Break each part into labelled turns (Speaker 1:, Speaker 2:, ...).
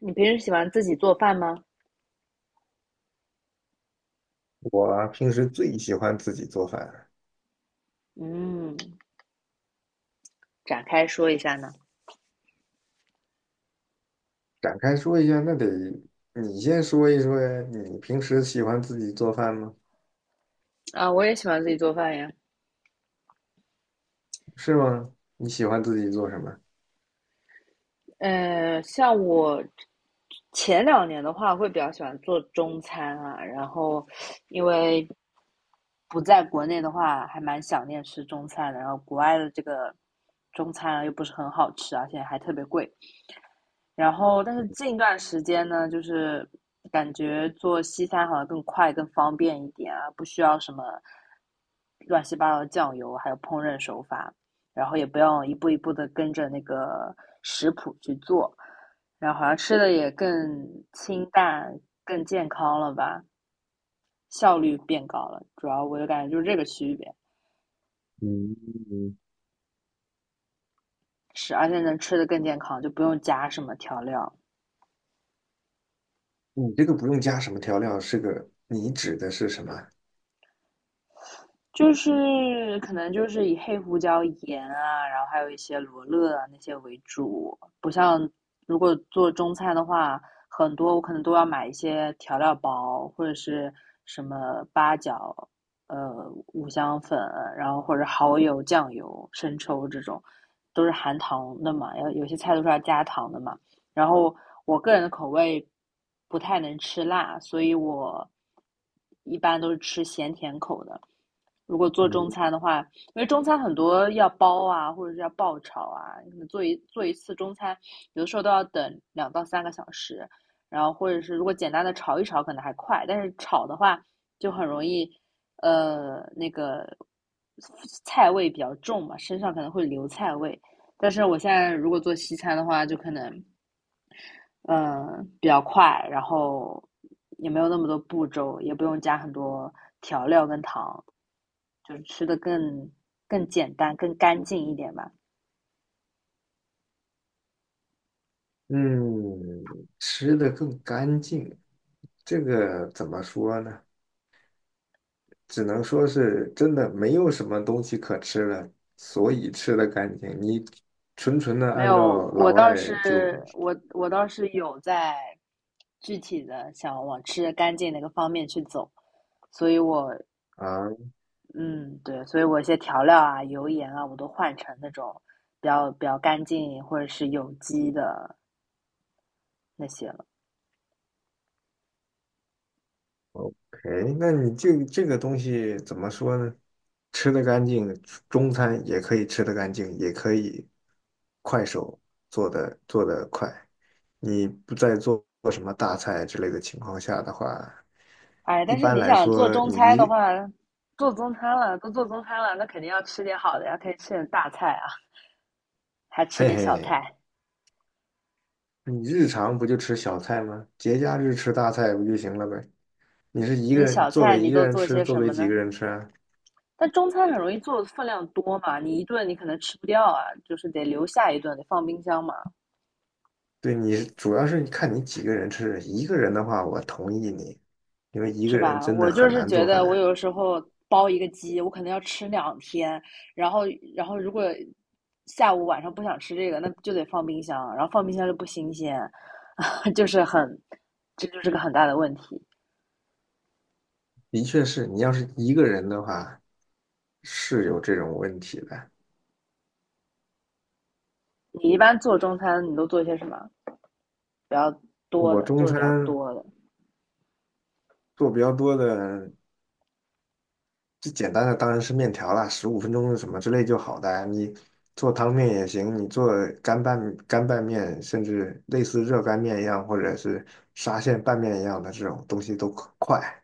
Speaker 1: 你平时喜欢自己做饭吗？
Speaker 2: 我平时最喜欢自己做饭，
Speaker 1: 嗯，展开说一下呢。
Speaker 2: 展开说一下，那得你先说一说呀。你平时喜欢自己做饭吗？
Speaker 1: 啊，我也喜欢自己做饭呀。
Speaker 2: 是吗？你喜欢自己做什么？
Speaker 1: 像我前2年的话，会比较喜欢做中餐啊，然后因为不在国内的话，还蛮想念吃中餐的，然后国外的这个中餐啊又不是很好吃，而且还特别贵，然后，但是近段时间呢，就是感觉做西餐好像更快、更方便一点啊，不需要什么乱七八糟的酱油，还有烹饪手法，然后也不用一步一步的跟着那个食谱去做，然后好像吃的也更清淡、更健康了吧，效率变高了。主要我就感觉就是这个区别，
Speaker 2: 嗯，
Speaker 1: 是而且能吃的更健康，就不用加什么调料。
Speaker 2: 你这个不用加什么调料，是个，你指的是什么？
Speaker 1: 就是可能就是以黑胡椒、盐啊，然后还有一些罗勒啊那些为主，不像如果做中餐的话，很多我可能都要买一些调料包或者是什么八角、五香粉，然后或者蚝油、酱油、生抽这种，都是含糖的嘛，有些菜都是要加糖的嘛。然后我个人的口味不太能吃辣，所以我一般都是吃咸甜口的。如果做中
Speaker 2: 嗯
Speaker 1: 餐的话，因为中餐很多要包啊，或者是要爆炒啊，你做一次中餐，有的时候都要等2到3个小时，然后或者是如果简单的炒一炒可能还快，但是炒的话就很容易，那个菜味比较重嘛，身上可能会留菜味。但是我现在如果做西餐的话，就可能嗯，比较快，然后也没有那么多步骤，也不用加很多调料跟糖，就是吃的更简单、更干净一点吧。
Speaker 2: 嗯，吃的更干净，这个怎么说呢？只能说是真的没有什么东西可吃了，所以吃的干净。你纯纯的
Speaker 1: 没
Speaker 2: 按
Speaker 1: 有，
Speaker 2: 照
Speaker 1: 我
Speaker 2: 老
Speaker 1: 倒
Speaker 2: 外
Speaker 1: 是
Speaker 2: 就
Speaker 1: 我我倒是有在具体的想往吃的干净那个方面去走，所以我
Speaker 2: 啊。
Speaker 1: 嗯对，所以我一些调料啊、油盐啊，我都换成那种比较干净或者是有机的那些了。
Speaker 2: OK，那你这个东西怎么说呢？吃得干净，中餐也可以吃得干净，也可以快手做的。你不再做什么大菜之类的情况下的话，
Speaker 1: 哎，
Speaker 2: 一
Speaker 1: 但是
Speaker 2: 般
Speaker 1: 你
Speaker 2: 来
Speaker 1: 想做
Speaker 2: 说，
Speaker 1: 中
Speaker 2: 你
Speaker 1: 餐
Speaker 2: 一
Speaker 1: 的
Speaker 2: 个。
Speaker 1: 话，做中餐了，都做中餐了，那肯定要吃点好的呀，可以吃点大菜啊，还吃
Speaker 2: 嘿
Speaker 1: 点小
Speaker 2: 嘿，
Speaker 1: 菜。
Speaker 2: 你日常不就吃小菜吗？节假日吃大菜不就行了呗？你是一个
Speaker 1: 你
Speaker 2: 人
Speaker 1: 小
Speaker 2: 做
Speaker 1: 菜
Speaker 2: 给
Speaker 1: 你
Speaker 2: 一个
Speaker 1: 都
Speaker 2: 人
Speaker 1: 做
Speaker 2: 吃，
Speaker 1: 些
Speaker 2: 做
Speaker 1: 什
Speaker 2: 给
Speaker 1: 么
Speaker 2: 几个
Speaker 1: 呢？
Speaker 2: 人吃啊？
Speaker 1: 但中餐很容易做的分量多嘛，你一顿你可能吃不掉啊，就是得留下一顿，得放冰箱嘛，
Speaker 2: 对，你主要是看你几个人吃，一个人的话，我同意你，因为一
Speaker 1: 是
Speaker 2: 个人
Speaker 1: 吧？
Speaker 2: 真的
Speaker 1: 我就
Speaker 2: 很
Speaker 1: 是
Speaker 2: 难
Speaker 1: 觉
Speaker 2: 做
Speaker 1: 得我
Speaker 2: 饭。
Speaker 1: 有的时候包一个鸡，我可能要吃2天，然后然后如果下午晚上不想吃这个，那就得放冰箱，然后放冰箱就不新鲜，就是很，这就是个很大的问题。
Speaker 2: 的确是你要是一个人的话，是有这种问题的。
Speaker 1: 你一般做中餐，你都做些什么比较多
Speaker 2: 我
Speaker 1: 的，
Speaker 2: 中
Speaker 1: 做的比较
Speaker 2: 餐
Speaker 1: 多的？
Speaker 2: 做比较多的，最简单的当然是面条啦，十五分钟什么之类就好的啊。你做汤面也行，你做干拌面，甚至类似热干面一样，或者是沙县拌面一样的这种东西都快，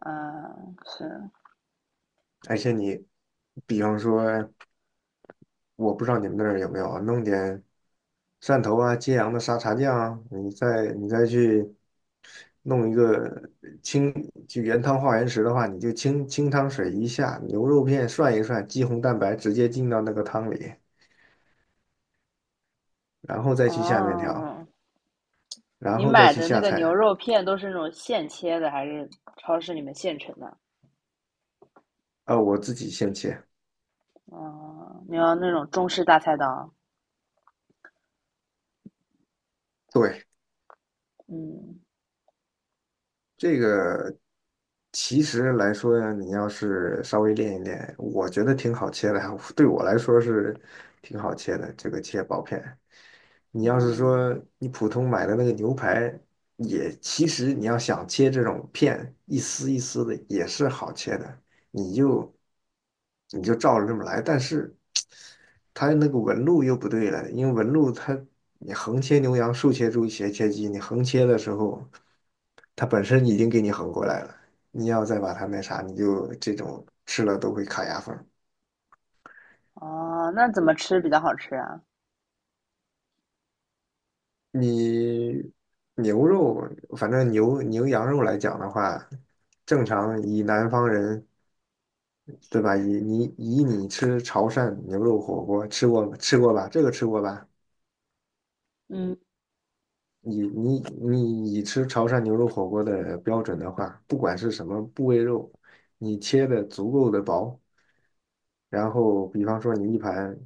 Speaker 1: 嗯，是，
Speaker 2: 而且你比方说。我不知道你们那儿有没有啊，弄点汕头啊、揭阳的沙茶酱啊，你再去弄一个清，就原汤化原食的话，你就清清汤水一下，牛肉片涮一涮，肌红蛋白直接进到那个汤里，然后再去下面条，
Speaker 1: 哦，
Speaker 2: 然
Speaker 1: 你
Speaker 2: 后再
Speaker 1: 买
Speaker 2: 去
Speaker 1: 的那
Speaker 2: 下
Speaker 1: 个牛
Speaker 2: 菜。
Speaker 1: 肉片都是那种现切的，还是超市里面现成的？
Speaker 2: 啊，我自己现切。
Speaker 1: 哦，你要那种中式大菜刀？
Speaker 2: 对，
Speaker 1: 嗯
Speaker 2: 这个其实来说呢，你要是稍微练一练，我觉得挺好切的，对我来说是挺好切的，这个切薄片。你要是
Speaker 1: 嗯，
Speaker 2: 说你普通买的那个牛排，也其实你要想切这种片，一丝一丝的也是好切的，你就你就照着这么来，但是它那个纹路又不对了，因为纹路它你横切牛羊，竖切猪，斜切鸡，你横切的时候，它本身已经给你横过来了，你要再把它那啥，你就这种吃了都会卡牙缝。
Speaker 1: 哦，那怎么吃比较好吃啊？
Speaker 2: 你牛肉，反正牛羊肉来讲的话，正常以南方人，对吧？以你吃潮汕牛肉火锅吃过吃过吧？这个吃过吧？
Speaker 1: 嗯
Speaker 2: 你你你以吃潮汕牛肉火锅的标准的话，不管是什么部位肉，你切的足够的薄，然后比方说你一盘，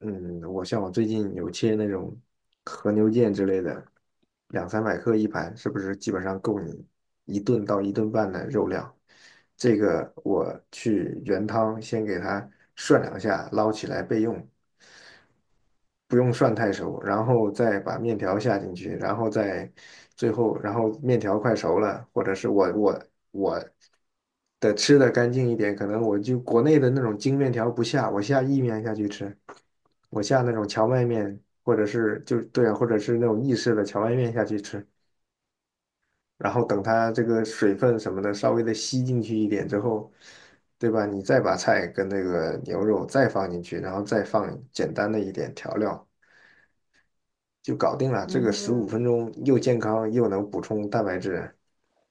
Speaker 2: 嗯，我像我最近有切那种和牛腱之类的，两三百克一盘，是不是基本上够你一顿到一顿半的肉量？这个我去原汤先给它涮两下，捞起来备用。不用涮太熟，然后再把面条下进去，然后再最后，然后面条快熟了，或者是我的吃的干净一点，可能我就国内的那种精面条不下，我下意面下去吃，我下那种荞麦面，或者是就对啊，或者是那种意式的荞麦面下去吃，然后等它这个水分什么的稍微的吸进去一点之后。对吧？你再把菜跟那个牛肉再放进去，然后再放简单的一点调料，就搞定了。这个十五
Speaker 1: 嗯
Speaker 2: 分钟又健康，又能补充蛋白质，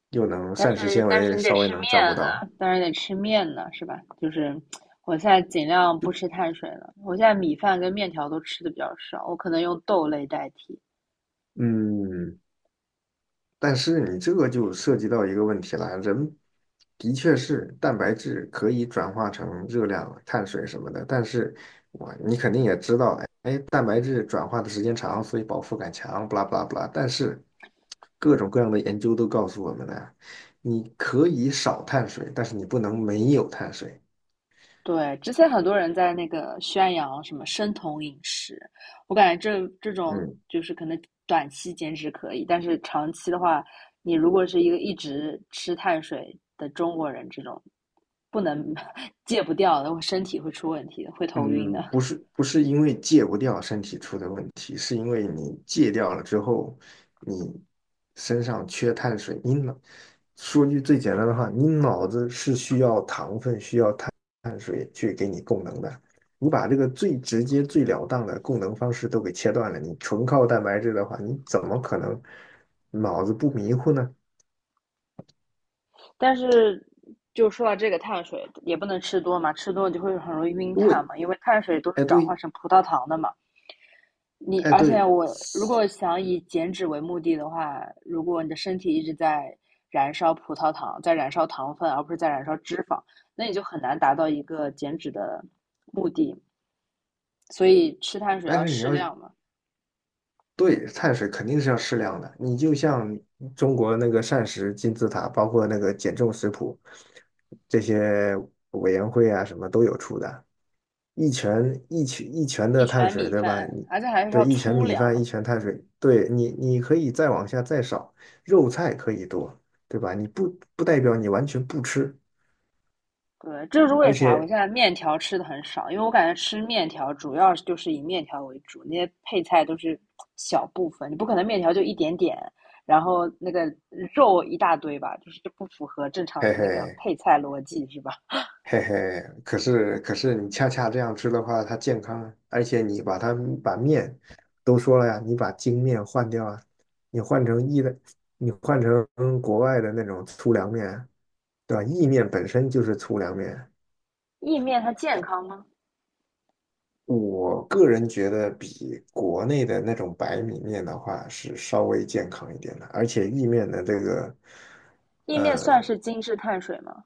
Speaker 2: 又能
Speaker 1: 但
Speaker 2: 膳食
Speaker 1: 是
Speaker 2: 纤
Speaker 1: 但是
Speaker 2: 维
Speaker 1: 你得
Speaker 2: 稍
Speaker 1: 吃
Speaker 2: 微能照
Speaker 1: 面
Speaker 2: 顾到。
Speaker 1: 啊，但是得吃面呢，是吧？就是我现在尽量不吃碳水了，我现在米饭跟面条都吃的比较少，我可能用豆类代替。
Speaker 2: 嗯，但是你这个就涉及到一个问题了，人的确是蛋白质可以转化成热量、碳水什么的，但是我你肯定也知道，哎，蛋白质转化的时间长，所以饱腹感强，不啦不啦不啦。但是各种各样的研究都告诉我们呢，你可以少碳水，但是你不能没有碳水。
Speaker 1: 对，之前很多人在那个宣扬什么生酮饮食，我感觉这种
Speaker 2: 嗯，
Speaker 1: 就是可能短期减脂可以，但是长期的话，你如果是一个一直吃碳水的中国人，这种不能 戒不掉的，我身体会出问题的，会头晕的。
Speaker 2: 嗯，不是不是因为戒不掉身体出的问题，是因为你戒掉了之后，你身上缺碳水，你脑，说句最简单的话，你脑子是需要糖分、需要碳水去给你供能的。你把这个最直接、最了当的供能方式都给切断了，你纯靠蛋白质的话，你怎么可能脑子不迷糊呢？
Speaker 1: 但是就说到这个碳水，也不能吃多嘛，吃多就会很容易晕碳
Speaker 2: 对，
Speaker 1: 嘛，因为碳水都是
Speaker 2: 哎
Speaker 1: 转化
Speaker 2: 对，
Speaker 1: 成葡萄糖的嘛。你
Speaker 2: 哎
Speaker 1: 而且
Speaker 2: 对，
Speaker 1: 我如果想以减脂为目的的话，如果你的身体一直在燃烧葡萄糖，在燃烧糖分，而不是在燃烧脂肪，那你就很难达到一个减脂的目的。所以吃碳水
Speaker 2: 但
Speaker 1: 要
Speaker 2: 是你
Speaker 1: 适
Speaker 2: 要
Speaker 1: 量嘛，
Speaker 2: 对，碳水肯定是要适量的。你就像中国那个膳食金字塔，包括那个减重食谱，这些委员会啊什么都有出的。一拳一拳一拳的
Speaker 1: 一
Speaker 2: 碳
Speaker 1: 拳
Speaker 2: 水，
Speaker 1: 米
Speaker 2: 对吧？
Speaker 1: 饭，
Speaker 2: 你
Speaker 1: 而且还是
Speaker 2: 对
Speaker 1: 要
Speaker 2: 一拳
Speaker 1: 粗
Speaker 2: 米饭一
Speaker 1: 粮，
Speaker 2: 拳碳水，对你你可以再往下再少，肉菜可以多，对吧？你不代表你完全不吃，
Speaker 1: 对，这就是为
Speaker 2: 而
Speaker 1: 啥我
Speaker 2: 且
Speaker 1: 现在面条吃的很少，因为我感觉吃面条主要就是以面条为主，那些配菜都是小部分，你不可能面条就一点点，然后那个肉一大堆吧，就是这不符合正常
Speaker 2: 嘿
Speaker 1: 的那个
Speaker 2: 嘿，
Speaker 1: 配菜逻辑，是吧？
Speaker 2: 嘿嘿，可是可是你恰恰这样吃的话，它健康啊，而且你把它把面都说了呀，你把精面换掉啊，你换成意的，你换成国外的那种粗粮面啊，对吧？意面本身就是粗粮面，
Speaker 1: 意面它健康吗？
Speaker 2: 我个人觉得比国内的那种白米面的话是稍微健康一点的，而且意面的这个，
Speaker 1: 意面算
Speaker 2: 呃，
Speaker 1: 是精致碳水吗？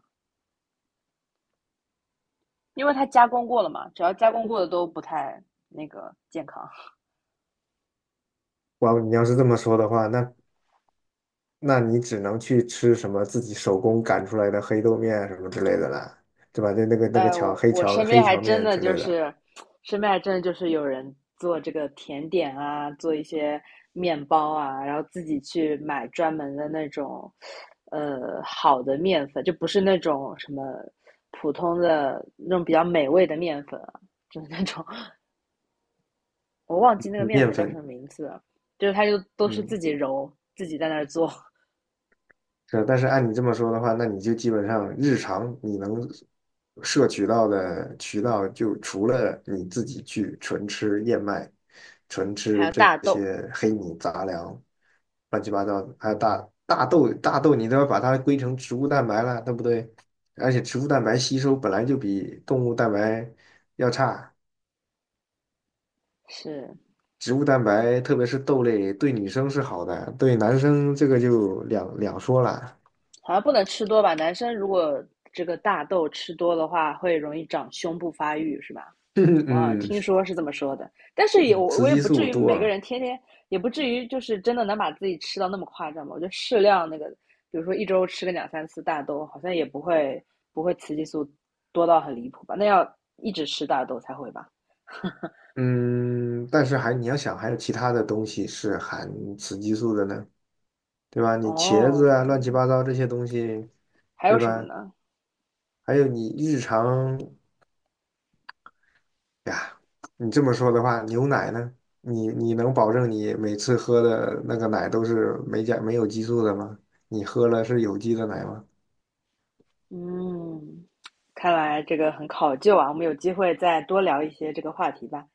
Speaker 1: 因为它加工过了嘛，只要加工过的都不太那个健康。
Speaker 2: 哇，你要是这么说的话，那那你只能去吃什么自己手工擀出来的黑豆面什么之类的了，对吧？那个
Speaker 1: 哎，
Speaker 2: 荞
Speaker 1: 我
Speaker 2: 黑
Speaker 1: 我
Speaker 2: 荞
Speaker 1: 身边
Speaker 2: 黑
Speaker 1: 还
Speaker 2: 荞
Speaker 1: 真
Speaker 2: 面
Speaker 1: 的
Speaker 2: 之
Speaker 1: 就
Speaker 2: 类的
Speaker 1: 是，身边还真的就是有人做这个甜点啊，做一些面包啊，然后自己去买专门的那种，好的面粉，就不是那种什么普通的那种比较美味的面粉啊，就是那种 我忘记那个面
Speaker 2: 面
Speaker 1: 粉叫什么
Speaker 2: 粉，
Speaker 1: 名字了，就是他就都是自
Speaker 2: 嗯。
Speaker 1: 己揉，自己在那儿做，
Speaker 2: 是，但是按你这么说的话，那你就基本上日常你能摄取到的渠道，就除了你自己去纯吃燕麦、纯
Speaker 1: 还
Speaker 2: 吃
Speaker 1: 有
Speaker 2: 这
Speaker 1: 大豆，
Speaker 2: 些黑米杂粮、乱七八糟的，还有大豆，大豆你都要把它归成植物蛋白了，对不对？而且植物蛋白吸收本来就比动物蛋白要差，
Speaker 1: 是，
Speaker 2: 植物蛋白特别是豆类对女生是好的，对男生这个就两说了。
Speaker 1: 好像不能吃多吧？男生如果这个大豆吃多的话，会容易长胸部发育，是吧？我
Speaker 2: 嗯，
Speaker 1: 听说是这么说的，但是也
Speaker 2: 嗯，
Speaker 1: 我
Speaker 2: 雌
Speaker 1: 我也
Speaker 2: 激
Speaker 1: 不至
Speaker 2: 素
Speaker 1: 于
Speaker 2: 多
Speaker 1: 每个
Speaker 2: 啊
Speaker 1: 人天天，也不至于就是真的能把自己吃到那么夸张吧？我觉得适量那个，比如说一周吃个两三次大豆，好像也不会雌激素多到很离谱吧？那要一直吃大豆才会吧？
Speaker 2: 嗯，但是还你要想，还有其他的东西是含雌激素的呢，对吧？你茄子啊，乱
Speaker 1: 哦，
Speaker 2: 七八糟这些东西，
Speaker 1: 还
Speaker 2: 对
Speaker 1: 有什么
Speaker 2: 吧？
Speaker 1: 呢？
Speaker 2: 还有你日常哎呀，你这么说的话，牛奶呢？你你能保证你每次喝的那个奶都是没有激素的吗？你喝了是有机的奶吗？
Speaker 1: 嗯，看来这个很考究啊，我们有机会再多聊一些这个话题吧。